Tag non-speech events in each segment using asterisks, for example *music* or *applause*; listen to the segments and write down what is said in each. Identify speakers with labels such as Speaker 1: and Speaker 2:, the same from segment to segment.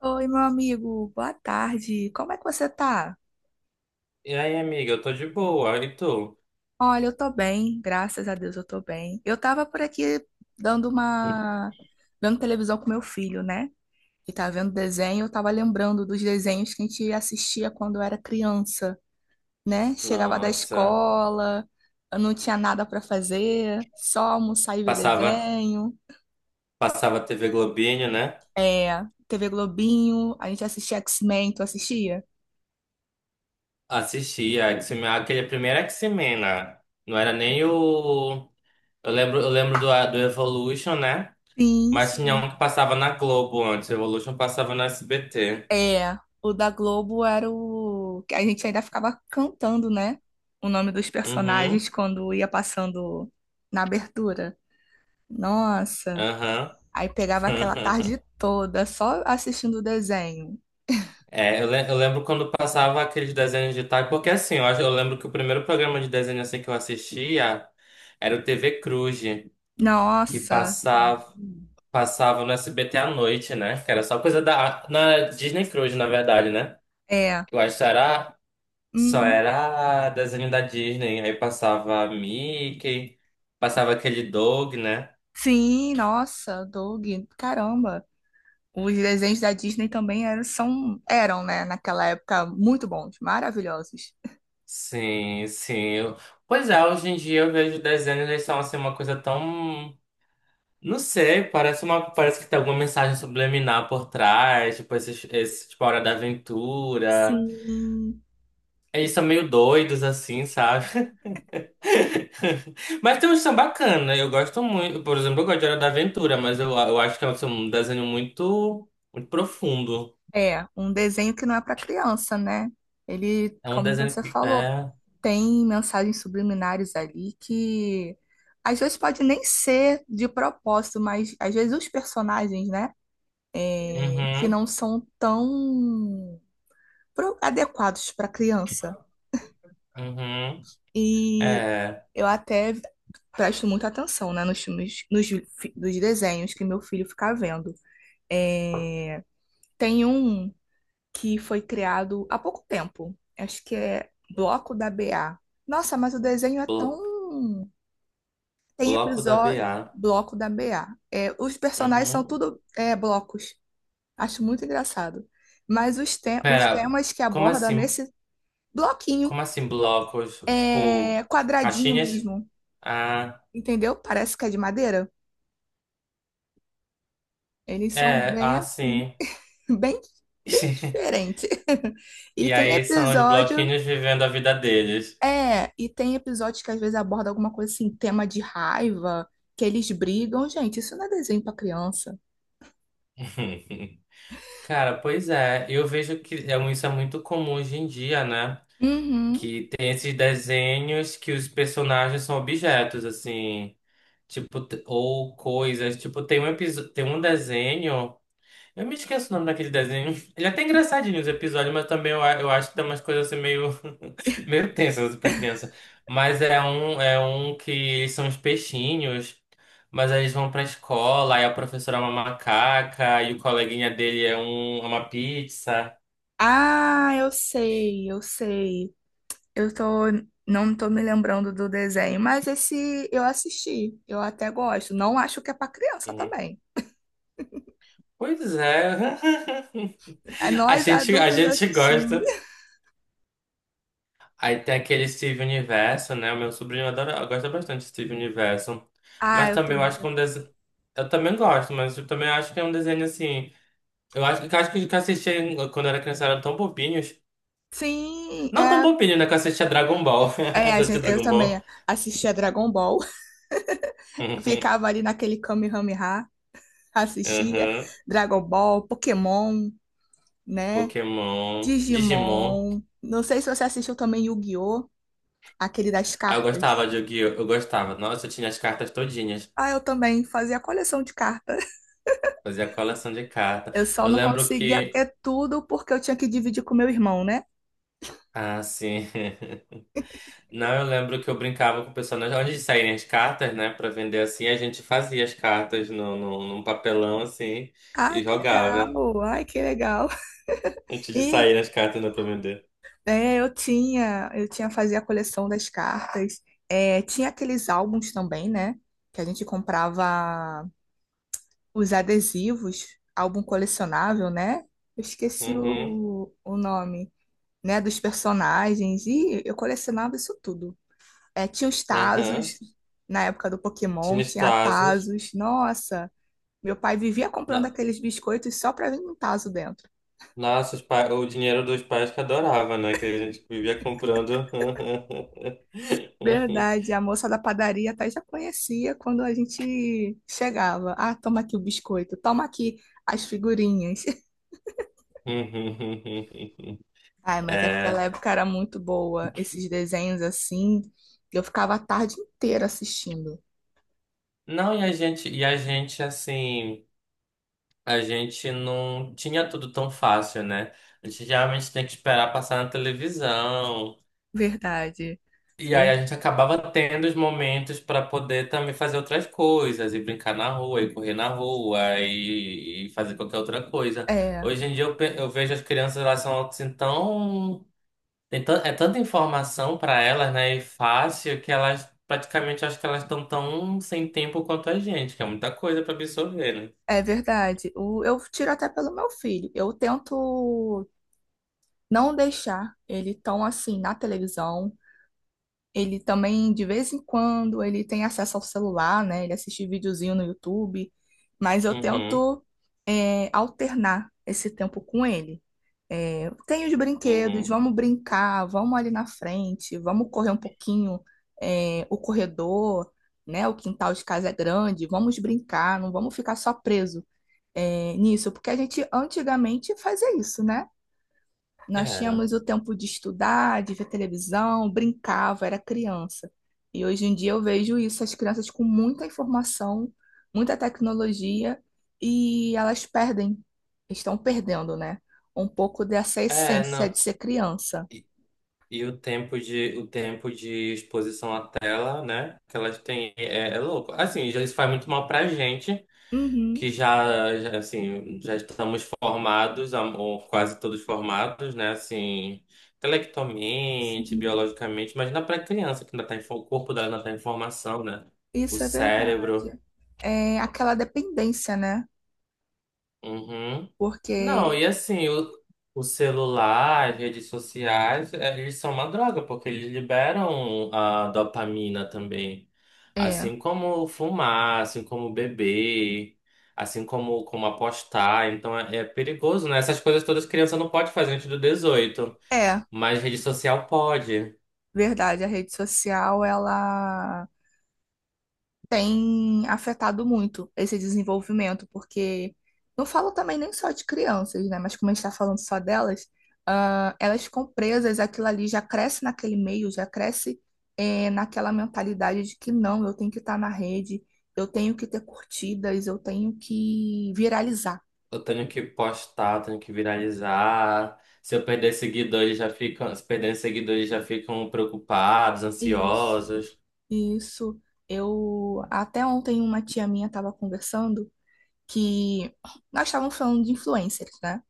Speaker 1: Oi, meu amigo, boa tarde. Como é que você tá?
Speaker 2: E aí, amiga, eu tô de boa, e tu?
Speaker 1: Olha, eu tô bem, graças a Deus eu tô bem. Eu tava por aqui dando uma... vendo televisão com meu filho, né? E tá vendo desenho, eu tava lembrando dos desenhos que a gente assistia quando eu era criança, né? Chegava da
Speaker 2: Nossa,
Speaker 1: escola, eu não tinha nada pra fazer, só almoçar e ver
Speaker 2: passava,
Speaker 1: desenho.
Speaker 2: passava TV Globinho, né?
Speaker 1: É, TV Globinho, a gente assistia X-Men, tu assistia?
Speaker 2: Assistia X-Men, aquele primeiro X-Men, né? Não era nem o. Eu lembro do Evolution, né?
Speaker 1: Sim.
Speaker 2: Mas tinha um que passava na Globo antes, Evolution passava na SBT.
Speaker 1: É, o da Globo era o que a gente ainda ficava cantando, né? O nome dos personagens
Speaker 2: Uhum,
Speaker 1: quando ia passando na abertura. Nossa,
Speaker 2: aham.
Speaker 1: aí pegava aquela
Speaker 2: *laughs*
Speaker 1: tarde toda só assistindo o desenho.
Speaker 2: É, eu lembro quando passava aqueles desenhos de tarde, porque assim, eu lembro que o primeiro programa de desenho assim que eu assistia era o TV Cruz. Que
Speaker 1: Nossa,
Speaker 2: passava no SBT à noite, né? Que era só coisa da na Disney Cruise, na verdade, né?
Speaker 1: é.
Speaker 2: Eu acho que só era só
Speaker 1: Hum,
Speaker 2: era desenho da Disney, aí passava Mickey, passava aquele Doug, né?
Speaker 1: sim, nossa, Doug, caramba. Os desenhos da Disney também eram, são, eram, né, naquela época, muito bons, maravilhosos.
Speaker 2: Sim, sim. Pois é, hoje em dia eu vejo desenhos, eles são assim uma coisa tão. Não sei, parece uma, parece que tem alguma mensagem subliminar por trás, tipo esse tipo a Hora da Aventura.
Speaker 1: Sim.
Speaker 2: Eles são meio doidos assim, sabe? *laughs* Mas tem um samba bacana, eu gosto muito. Por exemplo, eu gosto de Hora da Aventura, mas eu acho que é um desenho muito, muito profundo.
Speaker 1: É, um desenho que não é para criança, né? Ele,
Speaker 2: É um
Speaker 1: como
Speaker 2: desenho
Speaker 1: você
Speaker 2: que.
Speaker 1: falou,
Speaker 2: É.
Speaker 1: tem mensagens subliminares ali que às vezes pode nem ser de propósito, mas às vezes os personagens, né, é, que
Speaker 2: Uhum,
Speaker 1: não são tão adequados para criança.
Speaker 2: uhum.
Speaker 1: E
Speaker 2: É.
Speaker 1: eu até presto muita atenção, né, nos filmes, dos desenhos que meu filho fica vendo. É, tem um que foi criado há pouco tempo. Acho que é Bloco da BA. Nossa, mas o desenho é
Speaker 2: blo-
Speaker 1: tão. Tem
Speaker 2: bloco da
Speaker 1: episódio
Speaker 2: BA.
Speaker 1: Bloco da BA. É, os personagens são
Speaker 2: Uhum.
Speaker 1: tudo é, blocos. Acho muito engraçado. Mas os
Speaker 2: Pera,
Speaker 1: temas que
Speaker 2: como
Speaker 1: aborda
Speaker 2: assim?
Speaker 1: nesse bloquinho
Speaker 2: Como assim blocos?
Speaker 1: é
Speaker 2: Tipo,
Speaker 1: quadradinho
Speaker 2: caixinhas?
Speaker 1: mesmo.
Speaker 2: Ah,
Speaker 1: Entendeu? Parece que é de madeira. Eles são
Speaker 2: é,
Speaker 1: bem
Speaker 2: ah,
Speaker 1: assim,
Speaker 2: sim.
Speaker 1: *laughs* bem, bem
Speaker 2: *laughs*
Speaker 1: diferente. *laughs* E
Speaker 2: E
Speaker 1: tem
Speaker 2: aí são os
Speaker 1: episódio
Speaker 2: bloquinhos vivendo a vida deles.
Speaker 1: É, e tem episódios que às vezes aborda alguma coisa assim, tema de raiva, que eles brigam. Gente, isso não é desenho pra criança.
Speaker 2: *laughs* Cara, pois é, eu vejo que isso é muito comum hoje em dia, né?
Speaker 1: Uhum.
Speaker 2: Que tem esses desenhos que os personagens são objetos, assim, tipo, ou coisas. Tipo, tem um episódio, tem um desenho, eu me esqueço o nome daquele desenho. *laughs* Ele é até engraçadinho os episódios, mas também eu acho que tem umas coisas assim meio, *laughs* meio tensas pra criança. Mas é um que eles são os peixinhos. Mas aí eles vão pra escola, aí a professora é uma macaca, e o coleguinha dele é uma pizza.
Speaker 1: Ah, eu sei, eu sei. Eu tô, não tô me lembrando do desenho, mas esse eu assisti. Eu até gosto. Não acho que é pra criança
Speaker 2: Uhum.
Speaker 1: também.
Speaker 2: Pois é.
Speaker 1: É,
Speaker 2: *laughs* A
Speaker 1: nós
Speaker 2: gente, a
Speaker 1: adultos
Speaker 2: gente
Speaker 1: assistimos.
Speaker 2: gosta.
Speaker 1: *laughs*
Speaker 2: Aí tem aquele Steve Universo, né? O meu sobrinho adora, gosta bastante de Steve Universo.
Speaker 1: Ah,
Speaker 2: Mas
Speaker 1: eu
Speaker 2: também eu
Speaker 1: também
Speaker 2: acho que é um
Speaker 1: assisti.
Speaker 2: desenho. Eu também gosto, mas eu também acho que é um desenho assim. Eu acho que eu assistia quando eu era criança eram tão bobinhos.
Speaker 1: Sim,
Speaker 2: Não tão
Speaker 1: é,
Speaker 2: bobinho, né? Que eu assistia Dragon Ball. *laughs*
Speaker 1: é,
Speaker 2: Tu assistia
Speaker 1: eu
Speaker 2: Dragon
Speaker 1: também
Speaker 2: Ball? *laughs*
Speaker 1: assisti a Dragon Ball. *laughs*
Speaker 2: Uhum.
Speaker 1: Ficava ali naquele Kamehameha. Assistia
Speaker 2: Uhum.
Speaker 1: Dragon Ball, Pokémon, né?
Speaker 2: Pokémon, Digimon.
Speaker 1: Digimon. Não sei se você assistiu também Yu-Gi-Oh! Aquele das
Speaker 2: Aí eu gostava
Speaker 1: cartas.
Speaker 2: de Yu-Gi-Oh! Eu gostava. Nossa, eu tinha as cartas todinhas.
Speaker 1: Ah, eu também fazia coleção de cartas.
Speaker 2: Fazia coleção de carta.
Speaker 1: Eu só
Speaker 2: Eu
Speaker 1: não
Speaker 2: lembro
Speaker 1: conseguia
Speaker 2: que.
Speaker 1: ter tudo porque eu tinha que dividir com meu irmão, né?
Speaker 2: Ah, sim. *laughs* Não, eu lembro que eu brincava com o pessoal. Nós Antes de saírem as cartas, né, pra vender assim, a gente fazia as cartas no, no, num papelão assim
Speaker 1: Ah,
Speaker 2: e
Speaker 1: que
Speaker 2: jogava.
Speaker 1: legal! Ai, que legal!
Speaker 2: Antes
Speaker 1: *laughs*
Speaker 2: de
Speaker 1: E
Speaker 2: saírem as cartas, né, pra vender.
Speaker 1: é, eu tinha Fazia a coleção das cartas. É, tinha aqueles álbuns também, né? Que a gente comprava os adesivos, álbum colecionável, né? Eu esqueci
Speaker 2: Uhum,
Speaker 1: o nome, né? Dos personagens. E eu colecionava isso tudo. É, tinha os
Speaker 2: aham.
Speaker 1: Tazos, na época do Pokémon,
Speaker 2: Tinha os
Speaker 1: tinha
Speaker 2: tazos.
Speaker 1: Tazos. Nossa, meu pai vivia comprando
Speaker 2: No-
Speaker 1: aqueles biscoitos só pra vir um Tazo dentro.
Speaker 2: Nossa, o dinheiro dos pais que adorava, né, que a gente vivia comprando. *laughs*
Speaker 1: Verdade, a moça da padaria até já conhecia quando a gente chegava. Ah, toma aqui o biscoito, toma aqui as figurinhas. *laughs* Ai, mas aquela
Speaker 2: É.
Speaker 1: época era muito boa. Esses desenhos assim, eu ficava a tarde inteira assistindo.
Speaker 2: Não, e a gente assim. A gente não tinha tudo tão fácil, né? A gente geralmente tem que esperar passar na televisão.
Speaker 1: Verdade.
Speaker 2: E aí
Speaker 1: Ver-
Speaker 2: a gente acabava tendo os momentos para poder também fazer outras coisas, e brincar na rua, e correr na rua, e fazer qualquer outra coisa.
Speaker 1: É,
Speaker 2: Hoje em dia eu vejo as crianças, elas são assim tão. É tanta informação para elas, né? E fácil, que elas praticamente acho que elas estão tão sem tempo quanto a gente, que é muita coisa para absorver, né?
Speaker 1: é verdade. Eu tiro até pelo meu filho. Eu tento não deixar ele tão assim na televisão. Ele também, de vez em quando, ele tem acesso ao celular, né? Ele assiste videozinho no YouTube. Mas eu
Speaker 2: Uhum,
Speaker 1: tento, alternar esse tempo com ele. É, tem os brinquedos,
Speaker 2: uhum.
Speaker 1: vamos brincar, vamos ali na frente, vamos correr um pouquinho, o corredor, né? O quintal de casa é grande, vamos brincar, não vamos ficar só preso, nisso, porque a gente antigamente fazia isso, né? Nós
Speaker 2: Era.
Speaker 1: tínhamos o tempo de estudar, de ver televisão, brincava, era criança. E hoje em dia eu vejo isso, as crianças com muita informação, muita tecnologia, e elas perdem, estão perdendo, né? Um pouco dessa
Speaker 2: É,
Speaker 1: essência
Speaker 2: não.
Speaker 1: de ser criança.
Speaker 2: E, e o tempo de exposição à tela, né? Que elas têm é louco. Assim, já isso faz muito mal pra gente,
Speaker 1: Uhum,
Speaker 2: que já, assim, já estamos formados, ou quase todos formados, né? Assim, intelectualmente,
Speaker 1: sim,
Speaker 2: biologicamente, imagina pra criança que ainda tá em, o corpo dela ainda tá em formação, né? O
Speaker 1: isso é verdade.
Speaker 2: cérebro.
Speaker 1: É aquela dependência, né?
Speaker 2: Uhum. Não,
Speaker 1: Porque
Speaker 2: e assim, o celular, as redes sociais, eles são uma droga, porque eles liberam a dopamina também.
Speaker 1: é,
Speaker 2: Assim como fumar, assim como beber, assim como apostar. Então é perigoso, né? Essas coisas todas criança não pode fazer antes do 18,
Speaker 1: é
Speaker 2: mas rede social pode.
Speaker 1: verdade, a rede social, ela tem afetado muito esse desenvolvimento, porque não falo também nem só de crianças, né? Mas como a gente está falando só delas, ah, elas ficam presas, aquilo ali já cresce naquele meio, já cresce naquela mentalidade de que não, eu tenho que estar na rede, eu tenho que ter curtidas, eu tenho que viralizar.
Speaker 2: Eu tenho que postar, eu tenho que viralizar. Se eu perder seguidores, já ficam, se perderem seguidores, já ficam preocupados,
Speaker 1: Isso.
Speaker 2: ansiosos.
Speaker 1: Isso, eu até ontem uma tia minha estava conversando que nós estávamos falando de influencers, né?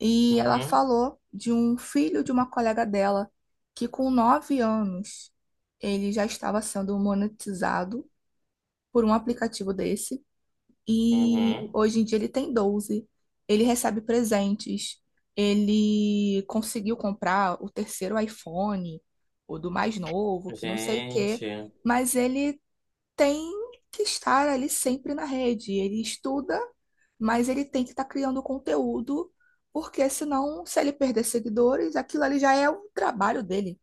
Speaker 1: E ela
Speaker 2: Uhum.
Speaker 1: falou de um filho de uma colega dela que, com 9 anos, ele já estava sendo monetizado por um aplicativo desse. E
Speaker 2: Uhum.
Speaker 1: hoje em dia ele tem 12. Ele recebe presentes. Ele conseguiu comprar o terceiro iPhone, o do mais novo, que não sei o quê.
Speaker 2: Gente.
Speaker 1: Mas ele tem que estar ali sempre na rede. Ele estuda, mas ele tem que estar criando conteúdo, porque senão, se ele perder seguidores, aquilo ali já é o trabalho dele,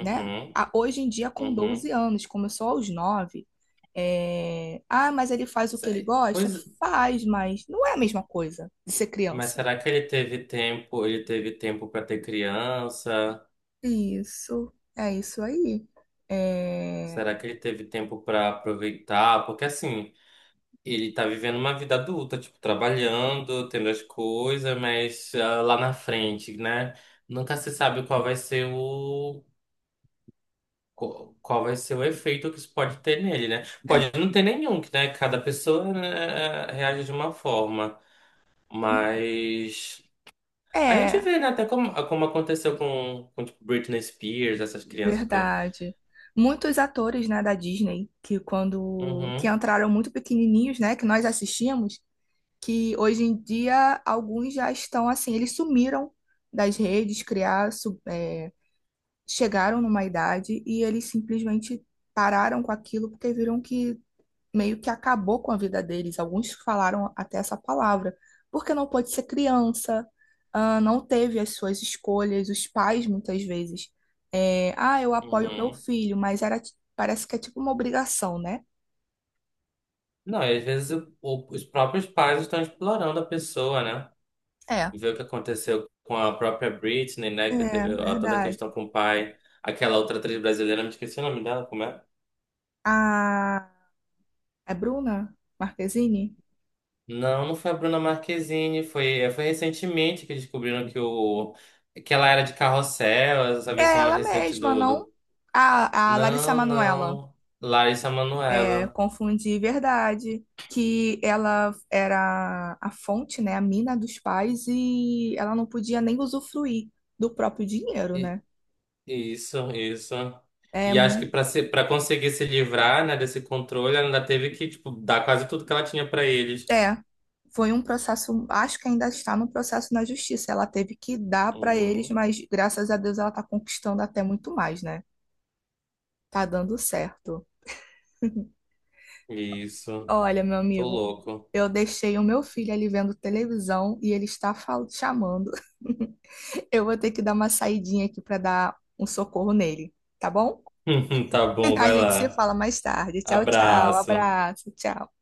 Speaker 1: né? Hoje em dia, com
Speaker 2: Uhum.
Speaker 1: 12 anos, começou aos 9. Ah, mas ele faz o que ele gosta?
Speaker 2: Pois,
Speaker 1: Faz, mas não é a mesma coisa de ser
Speaker 2: mas
Speaker 1: criança.
Speaker 2: será que ele teve tempo? Ele teve tempo para ter criança?
Speaker 1: Isso, é isso aí. É,
Speaker 2: Será que ele teve tempo para aproveitar? Porque assim, ele tá vivendo uma vida adulta, tipo, trabalhando, tendo as coisas, mas ah, lá na frente, né? Nunca se sabe qual vai ser o efeito que isso pode ter nele, né?
Speaker 1: é,
Speaker 2: Pode não ter nenhum, que né? Cada pessoa né, reage de uma forma. Mas a gente
Speaker 1: é,
Speaker 2: vê, né? Até como aconteceu com tipo, Britney Spears, essas crianças com.
Speaker 1: verdade. Muitos atores, né, da Disney, que quando que
Speaker 2: Uhum,
Speaker 1: entraram muito pequenininhos, né, que nós assistimos, que hoje em dia alguns já estão assim, eles sumiram das redes, criaram, chegaram numa idade e eles simplesmente pararam com aquilo porque viram que meio que acabou com a vida deles. Alguns falaram até essa palavra, porque não pôde ser criança, ah, não teve as suas escolhas, os pais muitas vezes. É, ah, eu apoio meu
Speaker 2: uhum.
Speaker 1: filho, mas parece que é tipo uma obrigação, né?
Speaker 2: Não, e às vezes os próprios pais estão explorando a pessoa, né?
Speaker 1: É.
Speaker 2: Ver o que aconteceu com a própria Britney, né? Que
Speaker 1: É,
Speaker 2: teve ó, toda a
Speaker 1: verdade.
Speaker 2: questão com o pai. Aquela outra atriz brasileira, me esqueci o nome dela, como é?
Speaker 1: A, é Bruna Marquezine?
Speaker 2: Não, não foi a Bruna Marquezine, foi recentemente que descobriram que ela era de Carrossel, essa
Speaker 1: É
Speaker 2: versão mais
Speaker 1: ela
Speaker 2: recente
Speaker 1: mesma,
Speaker 2: do
Speaker 1: não?
Speaker 2: do
Speaker 1: A Larissa
Speaker 2: Não,
Speaker 1: Manoela.
Speaker 2: não. Larissa
Speaker 1: É,
Speaker 2: Manoela.
Speaker 1: confundir verdade, que ela era a fonte, né, a mina dos pais e ela não podia nem usufruir do próprio dinheiro,
Speaker 2: I-
Speaker 1: né?
Speaker 2: Isso, isso.
Speaker 1: É,
Speaker 2: E acho que para ser, para conseguir se livrar, né, desse controle, ela ainda teve que, tipo, dar quase tudo que ela tinha para eles.
Speaker 1: é, foi um processo, acho que ainda está no processo na justiça. Ela teve que dar para eles,
Speaker 2: Uhum.
Speaker 1: mas graças a Deus ela está conquistando até muito mais, né? Tá dando certo.
Speaker 2: Isso.
Speaker 1: Olha, meu
Speaker 2: Tô
Speaker 1: amigo,
Speaker 2: louco.
Speaker 1: eu deixei o meu filho ali vendo televisão e ele está chamando. *laughs* Eu vou ter que dar uma saidinha aqui para dar um socorro nele, tá bom?
Speaker 2: *laughs* Tá
Speaker 1: *laughs*
Speaker 2: bom,
Speaker 1: A
Speaker 2: vai
Speaker 1: gente se
Speaker 2: lá.
Speaker 1: fala mais tarde. Tchau, tchau.
Speaker 2: Abraço.
Speaker 1: Abraço, tchau.